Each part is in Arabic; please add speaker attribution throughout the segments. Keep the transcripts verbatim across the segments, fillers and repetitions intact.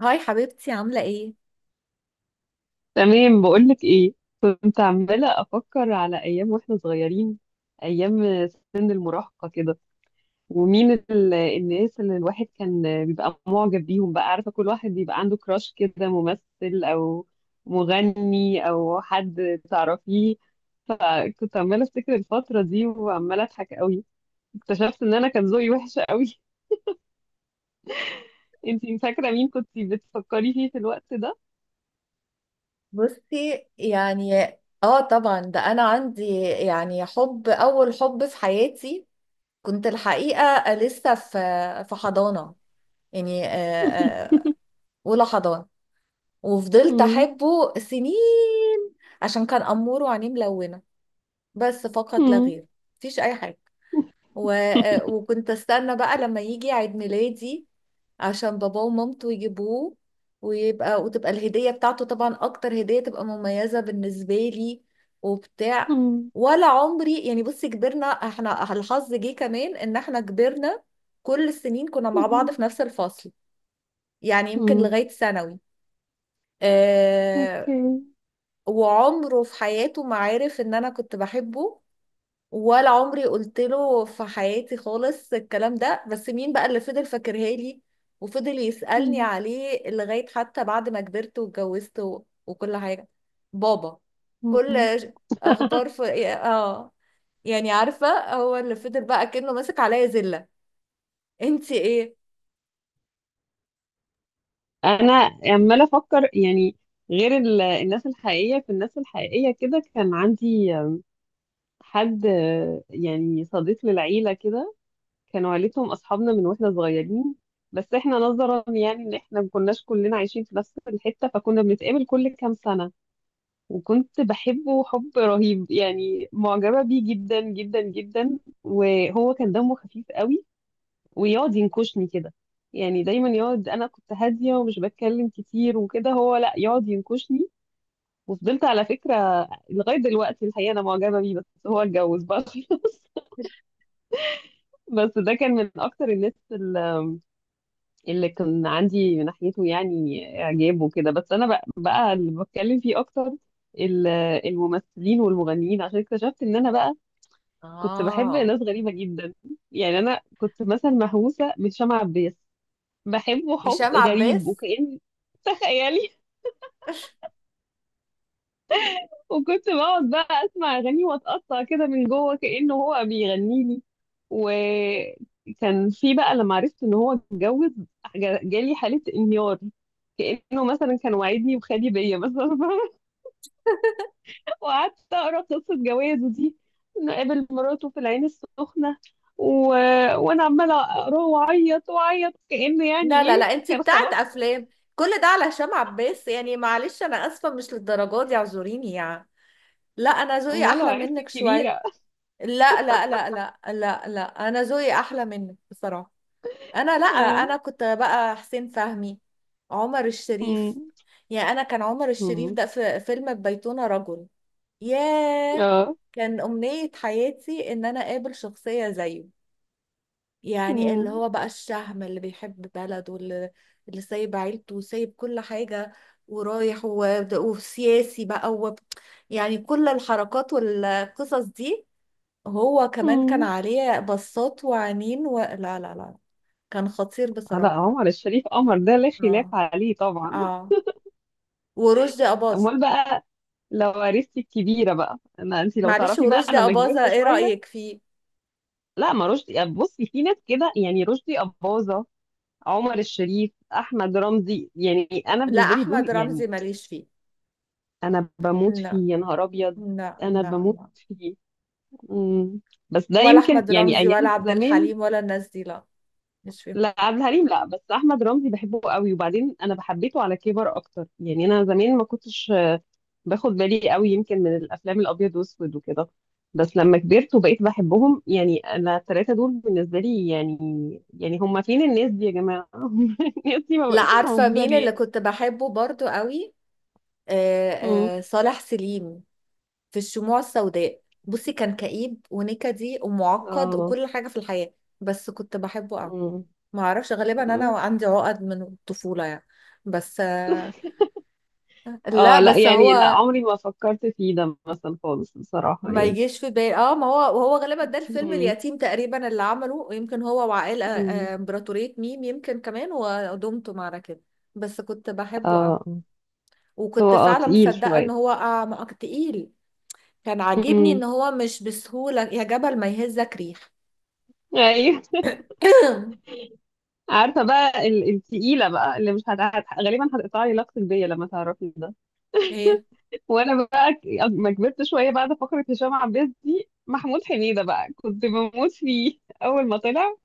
Speaker 1: هاي حبيبتي عاملة ايه؟
Speaker 2: تمام، بقولك ايه. كنت عمالة أفكر على أيام واحنا صغيرين، أيام سن المراهقة كده. ومين ال- الناس اللي الواحد كان بيبقى معجب بيهم بقى. عارفة، كل واحد بيبقى عنده كراش كده، ممثل أو مغني أو حد تعرفيه. فكنت عمالة أفتكر الفترة دي وعمالة أضحك قوي. اكتشفت إن أنا كان ذوقي وحش قوي. انتي فاكرة مين كنت بتفكري فيه في الوقت ده؟
Speaker 1: بصي يعني اه طبعا ده انا عندي يعني حب، اول حب في حياتي. كنت الحقيقه لسه في في حضانه، يعني آه، آه، اولى حضانه. وفضلت
Speaker 2: مم.
Speaker 1: احبه سنين عشان كان امور وعينيه ملونه، بس فقط لا
Speaker 2: مم.
Speaker 1: غير. مفيش اي حاجه. و... آه، وكنت استنى بقى لما يجي عيد ميلادي عشان باباه ومامته يجيبوه، ويبقى وتبقى الهدية بتاعته طبعا أكتر هدية تبقى مميزة بالنسبة لي وبتاع.
Speaker 2: مم.
Speaker 1: ولا عمري، يعني بصي كبرنا، احنا الحظ جه كمان ان احنا كبرنا كل السنين كنا مع بعض
Speaker 2: مم.
Speaker 1: في نفس الفصل، يعني يمكن
Speaker 2: مم.
Speaker 1: لغاية ثانوي.
Speaker 2: اوكي.
Speaker 1: آه. وعمره في حياته ما عرف ان انا كنت بحبه، ولا عمري قلت له في حياتي خالص الكلام ده. بس مين بقى اللي فضل فاكرها لي وفضل يسألني
Speaker 2: مم.
Speaker 1: عليه لغاية حتى بعد ما كبرت واتجوزت و... وكل حاجة؟ بابا.
Speaker 2: مم.
Speaker 1: كل ش- اخبار في اه، يعني عارفة هو اللي فضل بقى كأنه ماسك عليا زلة. انتي ايه؟
Speaker 2: انا عماله افكر يعني، غير ال- الناس الحقيقيه، في الناس الحقيقيه كده كان عندي حد، يعني صديق للعيله كده. كانوا عيلتهم اصحابنا من واحنا صغيرين، بس احنا نظرا يعني ان احنا ما كناش كلنا عايشين في نفس الحته فكنا بنتقابل كل كام سنه. وكنت بحبه حب رهيب، يعني معجبه بيه جدا جدا جدا. وهو كان دمه خفيف قوي، ويقعد ينكشني كده. يعني دايما يقعد، انا كنت هاديه ومش بتكلم كتير وكده، هو لا يقعد ينكشني. وفضلت على فكره لغايه دلوقتي الحقيقه انا معجبه بيه، بس هو اتجوز بقى خلاص. بس ده كان من اكتر الناس ال- اللي كان عندي من ناحيته يعني اعجاب وكده، بس انا بقى, بقى اللي بتكلم فيه اكتر ال- الممثلين والمغنيين عشان اكتشفت ان انا بقى كنت بحب
Speaker 1: اه،
Speaker 2: ناس غريبه جدا. يعني انا كنت مثلا مهووسه بهشام عباس، بحبه حب
Speaker 1: هشام
Speaker 2: غريب
Speaker 1: عباس؟
Speaker 2: وكأن، تخيلي. وكنت بقعد بقى اسمع اغانيه واتقطع كده من جوه كأنه هو بيغني لي. وكان في بقى لما عرفت ان هو اتجوز جا- جالي حالة انهيار، كأنه مثلا كان وعدني وخالي بيا مثلا. وقعدت اقرا قصة جوازه دي، انه قابل مراته في العين السخنة و... وانا عمالة اقراه واعيط واعيط، كأنه يعني
Speaker 1: لا لا
Speaker 2: ايه،
Speaker 1: لا، انتي
Speaker 2: كان
Speaker 1: بتاعت
Speaker 2: خلاص.
Speaker 1: افلام. كل ده على هشام عباس؟ يعني معلش انا اسفة، مش للدرجة دي، اعذريني يعني. لا انا ذوقي
Speaker 2: امال لو
Speaker 1: احلى
Speaker 2: عرفت
Speaker 1: منك شوية.
Speaker 2: الكبيرة.
Speaker 1: لا لا لا لا لا لا، انا ذوقي احلى منك بصراحه. انا لا انا كنت بقى حسين فهمي، عمر
Speaker 2: آه.
Speaker 1: الشريف. يعني انا كان عمر الشريف
Speaker 2: مم.
Speaker 1: ده في فيلم بيتنا رجل، ياه،
Speaker 2: اه.
Speaker 1: كان امنيه حياتي ان انا اقابل شخصيه زيه. يعني اللي
Speaker 2: مم.
Speaker 1: هو بقى الشهم اللي بيحب بلده، واللي اللي سايب عيلته وسايب كل حاجه، ورايح و- وسياسي بقى وب... يعني كل الحركات والقصص دي. هو كمان كان
Speaker 2: مم.
Speaker 1: عليه بصات وعينين و... لا لا لا، كان خطير
Speaker 2: آه، لا،
Speaker 1: بصراحة.
Speaker 2: عمر الشريف قمر، ده لا خلاف
Speaker 1: اه
Speaker 2: عليه طبعا.
Speaker 1: اه، ورشدي أباظة.
Speaker 2: امال بقى لو عرفتي الكبيره بقى، انا انت لو
Speaker 1: معلش
Speaker 2: تعرفي بقى
Speaker 1: ورشدي
Speaker 2: لما كبرت
Speaker 1: أباظة ايه
Speaker 2: شويه.
Speaker 1: رأيك فيه؟
Speaker 2: لا، ما رشدي يعني، بصي في ناس كده، يعني رشدي اباظه، عمر الشريف، احمد رمزي، يعني انا
Speaker 1: لا
Speaker 2: بالنسبه لي دول
Speaker 1: أحمد رمزي
Speaker 2: يعني.
Speaker 1: ماليش فيه.
Speaker 2: انا بموت
Speaker 1: لا
Speaker 2: فيه يا نهار ابيض،
Speaker 1: لا
Speaker 2: انا
Speaker 1: لا
Speaker 2: بموت
Speaker 1: لا،
Speaker 2: فيه. مم. بس ده
Speaker 1: ولا
Speaker 2: يمكن
Speaker 1: أحمد
Speaker 2: يعني
Speaker 1: رمزي ولا
Speaker 2: ايام
Speaker 1: عبد
Speaker 2: زمان.
Speaker 1: الحليم ولا الناس دي، لا مش فيهم.
Speaker 2: لا عبد الحليم لا، بس احمد رمزي بحبه قوي، وبعدين انا بحبيته على كبر اكتر. يعني انا زمان ما كنتش باخد بالي قوي، يمكن من الافلام الابيض واسود وكده. بس لما كبرت وبقيت بحبهم، يعني انا الثلاثه دول بالنسبه لي يعني، يعني هم فين الناس دي يا جماعه؟ الناس دي ما
Speaker 1: لا
Speaker 2: بقتش
Speaker 1: عارفة
Speaker 2: موجوده
Speaker 1: مين اللي
Speaker 2: ليه.
Speaker 1: كنت بحبه برضو قوي؟
Speaker 2: مم.
Speaker 1: آه، آه، صالح سليم في الشموع السوداء. بصي كان كئيب ونكدي ومعقد
Speaker 2: اه.
Speaker 1: وكل حاجة في الحياة، بس كنت بحبه قوي.
Speaker 2: مم.
Speaker 1: ما اعرفش، غالبا انا
Speaker 2: مم.
Speaker 1: عندي عقد من الطفوله يعني. بس آه، لا
Speaker 2: اه لا،
Speaker 1: بس
Speaker 2: يعني لا
Speaker 1: هو
Speaker 2: عمري ما فكرت فيه ده مثلا خالص بصراحه
Speaker 1: ما
Speaker 2: يعني.
Speaker 1: يجيش في بالي. اه، ما هو وهو غالبا ده الفيلم
Speaker 2: مم.
Speaker 1: اليتيم تقريبا اللي عمله، يمكن هو وعائلة
Speaker 2: مم.
Speaker 1: آه، امبراطورية ميم، يمكن كمان ودمتم معنا كده. بس كنت بحبه اه.
Speaker 2: اه. آه.
Speaker 1: وكنت
Speaker 2: هو اه
Speaker 1: فعلا
Speaker 2: تقيل
Speaker 1: مصدقة ان
Speaker 2: شويه.
Speaker 1: هو اه ما- تقيل. كان عاجبني
Speaker 2: مم.
Speaker 1: ان هو مش بسهولة، يا جبل ما يهزك ريح.
Speaker 2: ايوه. عارفه بقى ال- التقيله بقى، اللي مش هت... هت- غالبا هتقطع لي علاقتك بيا لما تعرفي ده.
Speaker 1: ايه.
Speaker 2: وانا بقى ك- لما كبرت شويه بعد فقره هشام عباس دي، محمود حميده بقى كنت بموت فيه اول ما طلع،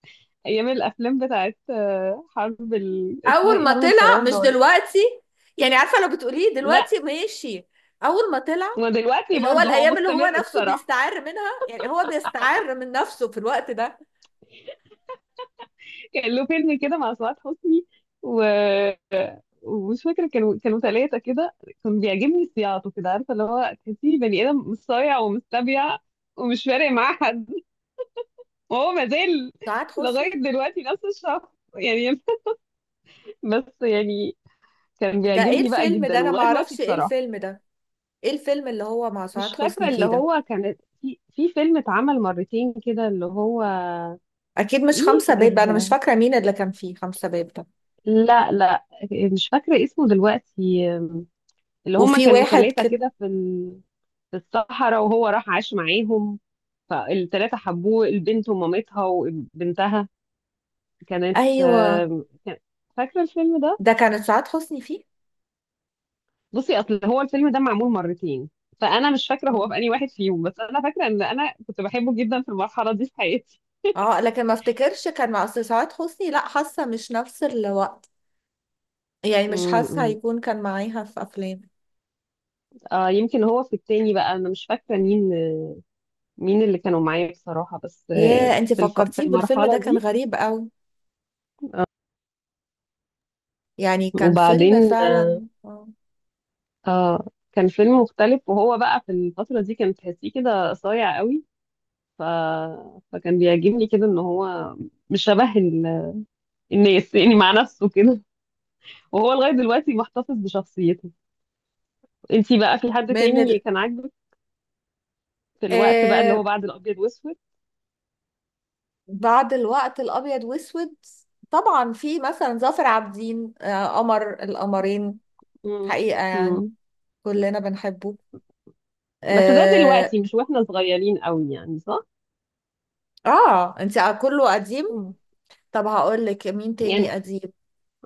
Speaker 2: ايام الافلام بتاعت آه، حرب ال... اسمها
Speaker 1: اول
Speaker 2: ايه،
Speaker 1: ما
Speaker 2: حرب
Speaker 1: طلع
Speaker 2: الفراعنه
Speaker 1: مش
Speaker 2: ولا.
Speaker 1: دلوقتي، يعني عارفة لو بتقوليه
Speaker 2: لا.
Speaker 1: دلوقتي ماشي، اول ما طلع.
Speaker 2: ودلوقتي
Speaker 1: اللي هو
Speaker 2: برضه هو
Speaker 1: الايام اللي هو
Speaker 2: مستمر
Speaker 1: نفسه
Speaker 2: بصراحه.
Speaker 1: بيستعر منها، يعني هو بيستعر من نفسه في الوقت ده.
Speaker 2: كان له فيلم كده مع سعاد حسني، ومش فاكره، كانوا كانوا ثلاثه كده. كان بيعجبني صياعته كده، عارفه اللي هو تحسيه بني ادم مصايع ومستبيع، ومش فارق معاه حد. وهو ما زال
Speaker 1: سعاد
Speaker 2: لغايه
Speaker 1: حسني؟
Speaker 2: دلوقتي نفس الشخص يعني. بس يعني كان
Speaker 1: ده ايه
Speaker 2: بيعجبني بقى
Speaker 1: الفيلم ده،
Speaker 2: جدا
Speaker 1: انا
Speaker 2: ولغايه دلوقتي
Speaker 1: معرفش ايه
Speaker 2: بصراحه.
Speaker 1: الفيلم ده. ايه الفيلم اللي هو مع
Speaker 2: مش
Speaker 1: سعاد
Speaker 2: فاكره،
Speaker 1: حسني
Speaker 2: اللي
Speaker 1: فيه ده؟
Speaker 2: هو كان في في فيلم اتعمل مرتين كده اللي هو
Speaker 1: اكيد مش
Speaker 2: ايه
Speaker 1: خمسة باب، انا مش
Speaker 2: الر...
Speaker 1: فاكرة مين اللي كان فيه خمسة باب ده.
Speaker 2: لا لا، مش فاكره اسمه دلوقتي. اللي هما
Speaker 1: وفي
Speaker 2: كانوا
Speaker 1: واحد
Speaker 2: ثلاثه
Speaker 1: كده،
Speaker 2: كده في في الصحراء، وهو راح عاش معاهم، فالتلاتة حبوه، البنت ومامتها وبنتها. كانت
Speaker 1: ايوه.
Speaker 2: آم، كان- فاكرة الفيلم ده؟
Speaker 1: ده كانت سعاد حسني فيه؟
Speaker 2: بصي أصل هو الفيلم ده معمول مرتين، فأنا مش فاكرة
Speaker 1: اه
Speaker 2: هو في أي واحد فيهم، بس أنا فاكرة إن أنا كنت بحبه جدا في المرحلة دي في حياتي.
Speaker 1: آه، لكن ما افتكرش كان مع، أصل سعاد حسني لا حاسة مش نفس الوقت، يعني مش حاسة
Speaker 2: امم.
Speaker 1: هيكون كان معاها في افلام.
Speaker 2: آه يمكن هو في التاني، بقى أنا مش فاكرة مين، مين اللي كانوا معايا بصراحة، بس آه،
Speaker 1: ياه انت
Speaker 2: في الف... في
Speaker 1: فكرتيني بالفيلم ده،
Speaker 2: المرحلة
Speaker 1: كان
Speaker 2: دي.
Speaker 1: غريب قوي، يعني كان فيلم
Speaker 2: وبعدين
Speaker 1: فعلا آه.
Speaker 2: آه كان فيلم مختلف، وهو بقى في الفترة دي كان تحسيه كده صايع قوي ف... فكان بيعجبني كده ان هو مش شبه ال- الناس يعني، مع نفسه كده. وهو لغاية دلوقتي محتفظ بشخصيته. انتي بقى في حد
Speaker 1: من
Speaker 2: تاني
Speaker 1: ال...
Speaker 2: كان عاجبك في الوقت بقى اللي
Speaker 1: آه
Speaker 2: هو بعد الابيض واسود؟
Speaker 1: بعد الوقت الأبيض وأسود، طبعا في مثلا ظافر عابدين، آه قمر القمرين،
Speaker 2: مم.
Speaker 1: حقيقة يعني
Speaker 2: مم.
Speaker 1: كلنا بنحبه.
Speaker 2: بس ده
Speaker 1: اه،
Speaker 2: دلوقتي مش واحنا صغيرين قوي يعني، صح.
Speaker 1: آه. انت كله قديم.
Speaker 2: مم.
Speaker 1: طب هقول لك مين تاني
Speaker 2: يعني.
Speaker 1: قديم.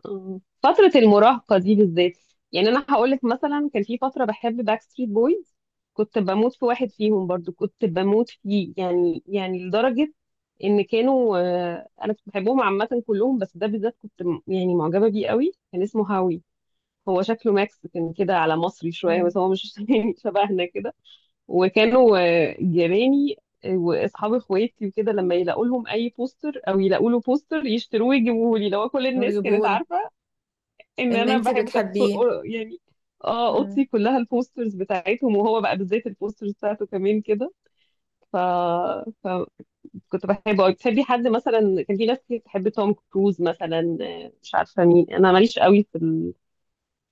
Speaker 2: مم. فترة المراهقة دي بالذات، يعني أنا هقولك مثلا كان في فترة بحب باك ستريت بويز. كنت بموت في واحد فيهم، برضو كنت بموت فيه، يعني يعني لدرجة إن كانوا آه، أنا كنت بحبهم عامة كلهم، بس ده بالذات كنت م- يعني معجبة بيه قوي. كان اسمه هاوي، هو شكله ماكس كان كده على مصري شوية،
Speaker 1: مم.
Speaker 2: بس هو مش يعني شبهنا كده. وكانوا آه، جيراني آه، واصحاب اخواتي وكده، لما يلاقوا لهم اي بوستر او يلاقوا له بوستر يشتروه ويجيبوه لي. لو كل الناس كانت
Speaker 1: نجيبهولك،
Speaker 2: عارفه ان
Speaker 1: ان
Speaker 2: انا
Speaker 1: انت
Speaker 2: بحبه كانت صو-
Speaker 1: بتحبيه.
Speaker 2: يعني، اه، اوضتي
Speaker 1: مم.
Speaker 2: كلها البوسترز بتاعتهم، وهو بقى بالذات البوسترز بتاعته كمان كده ف... فكنت بحبه قوي. بتحبي حد مثلا؟ كان في ناس كتير بتحب توم كروز مثلا، آه، مش عارفه مين، انا ماليش قوي في ال-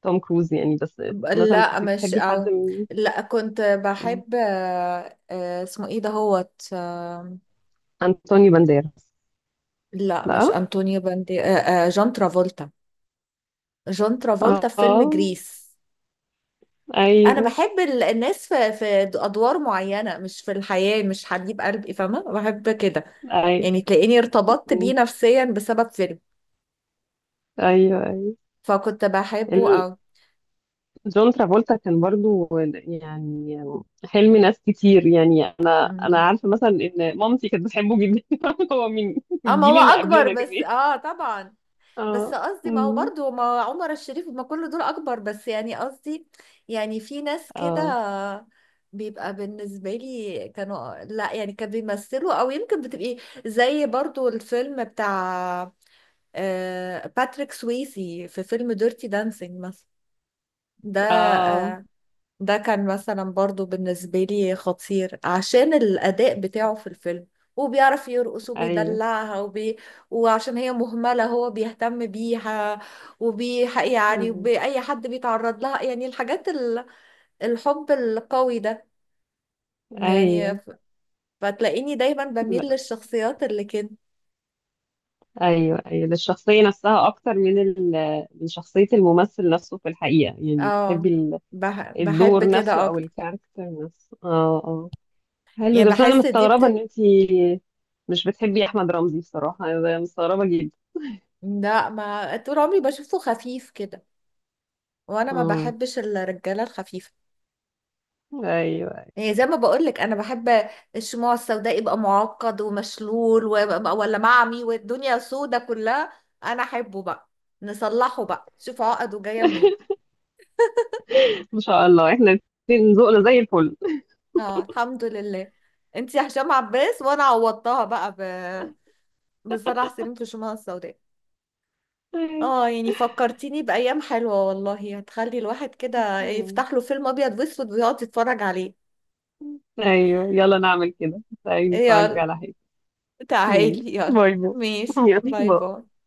Speaker 2: توم كروز يعني. بس
Speaker 1: ب-
Speaker 2: مثلا
Speaker 1: لا
Speaker 2: كنت
Speaker 1: مش
Speaker 2: بتحبي حد
Speaker 1: أو،
Speaker 2: من
Speaker 1: لا كنت
Speaker 2: آه،
Speaker 1: بحب آه آه اسمه ايه ده، هوت،
Speaker 2: انطونيو بانديراس؟
Speaker 1: لا مش
Speaker 2: لا.
Speaker 1: انطونيو باندي، آه، آه، جون ترافولتا، جون
Speaker 2: اه.
Speaker 1: ترافولتا في فيلم
Speaker 2: آه.
Speaker 1: جريس. انا
Speaker 2: ايوه.
Speaker 1: بحب ال- الناس في في ادوار معينه، مش في الحياه، مش حبيب قلبي، فاهمه؟ بحب كده،
Speaker 2: ايوه.
Speaker 1: يعني تلاقيني ارتبطت بيه
Speaker 2: أمم.
Speaker 1: نفسيا بسبب فيلم،
Speaker 2: ايوه.
Speaker 1: فكنت بحبه.
Speaker 2: ايوه،
Speaker 1: او
Speaker 2: جون ترافولتا كان برضو يعني حلم ناس كتير، يعني انا انا عارفه مثلا ان مامتي كانت بتحبه جدا. هو من من
Speaker 1: اه، ما
Speaker 2: الجيل
Speaker 1: هو
Speaker 2: اللي
Speaker 1: اكبر
Speaker 2: قبلنا
Speaker 1: بس
Speaker 2: كمان.
Speaker 1: اه طبعا،
Speaker 2: اه.
Speaker 1: بس قصدي ما هو
Speaker 2: أمم.
Speaker 1: برضه، ما عمر الشريف ما كل دول اكبر، بس يعني قصدي، يعني في ناس كده
Speaker 2: اه.
Speaker 1: بيبقى بالنسبة لي، كانوا لا يعني كانوا بيمثلوا، او يمكن بتبقي زي برضو الفيلم بتاع آه، باتريك سويسي في فيلم ديرتي دانسينج مثلا. ده
Speaker 2: اه.
Speaker 1: آه، ده كان مثلا برضو بالنسبة لي خطير عشان الأداء بتاعه في الفيلم، وبيعرف يرقص
Speaker 2: ايوه.
Speaker 1: وبيدلعها وبي... وعشان هي مهملة هو بيهتم بيها، وبي، يعني
Speaker 2: أمم.
Speaker 1: وبأي حد بيتعرض لها، يعني الحاجات ال... الحب القوي ده. يعني
Speaker 2: ايوه.
Speaker 1: ف- فتلاقيني دايما بميل
Speaker 2: لا.
Speaker 1: للشخصيات اللي كده.
Speaker 2: ايوه ايوه، ده الشخصيه نفسها اكتر من ال... من شخصيه الممثل نفسه في الحقيقه، يعني
Speaker 1: اه
Speaker 2: بتحبي ال-
Speaker 1: بح... بحب
Speaker 2: الدور
Speaker 1: كده
Speaker 2: نفسه او
Speaker 1: أكتر،
Speaker 2: الكاركتر نفسه. اه اه. حلو ده،
Speaker 1: يعني
Speaker 2: بس انا
Speaker 1: بحس دي
Speaker 2: مستغربه ان
Speaker 1: بت.
Speaker 2: انتي مش بتحبي احمد رمزي بصراحه، انا مستغربه جدا.
Speaker 1: لا ما طول عمري بشوفه خفيف كده، وأنا ما
Speaker 2: امم.
Speaker 1: بحبش الرجالة الخفيفة.
Speaker 2: ايوه.
Speaker 1: يعني زي ما بقولك انا بحب الشموع السوداء، يبقى معقد ومشلول ويبقى- ولا معمي والدنيا سودة كلها، انا احبه بقى، نصلحه بقى شوف عقده جاية منين.
Speaker 2: ان شاء الله احنا الاتنين ذوقنا زي الفل.
Speaker 1: اه الحمد لله. انت يا هشام عباس، وانا عوضتها بقى ب... بصلاح سليم في الشموع السوداء. اه يعني فكرتيني بأيام حلوة والله، هتخلي الواحد كده
Speaker 2: مم.
Speaker 1: يفتح له فيلم ابيض واسود ويقعد يتفرج عليه.
Speaker 2: ايوه يلا نعمل كده، تعالي نتفرج
Speaker 1: يلا،
Speaker 2: على حاجه. مم.
Speaker 1: تعالي يلا.
Speaker 2: باي باي.
Speaker 1: ماشي
Speaker 2: يلا
Speaker 1: باي
Speaker 2: باي.
Speaker 1: باي.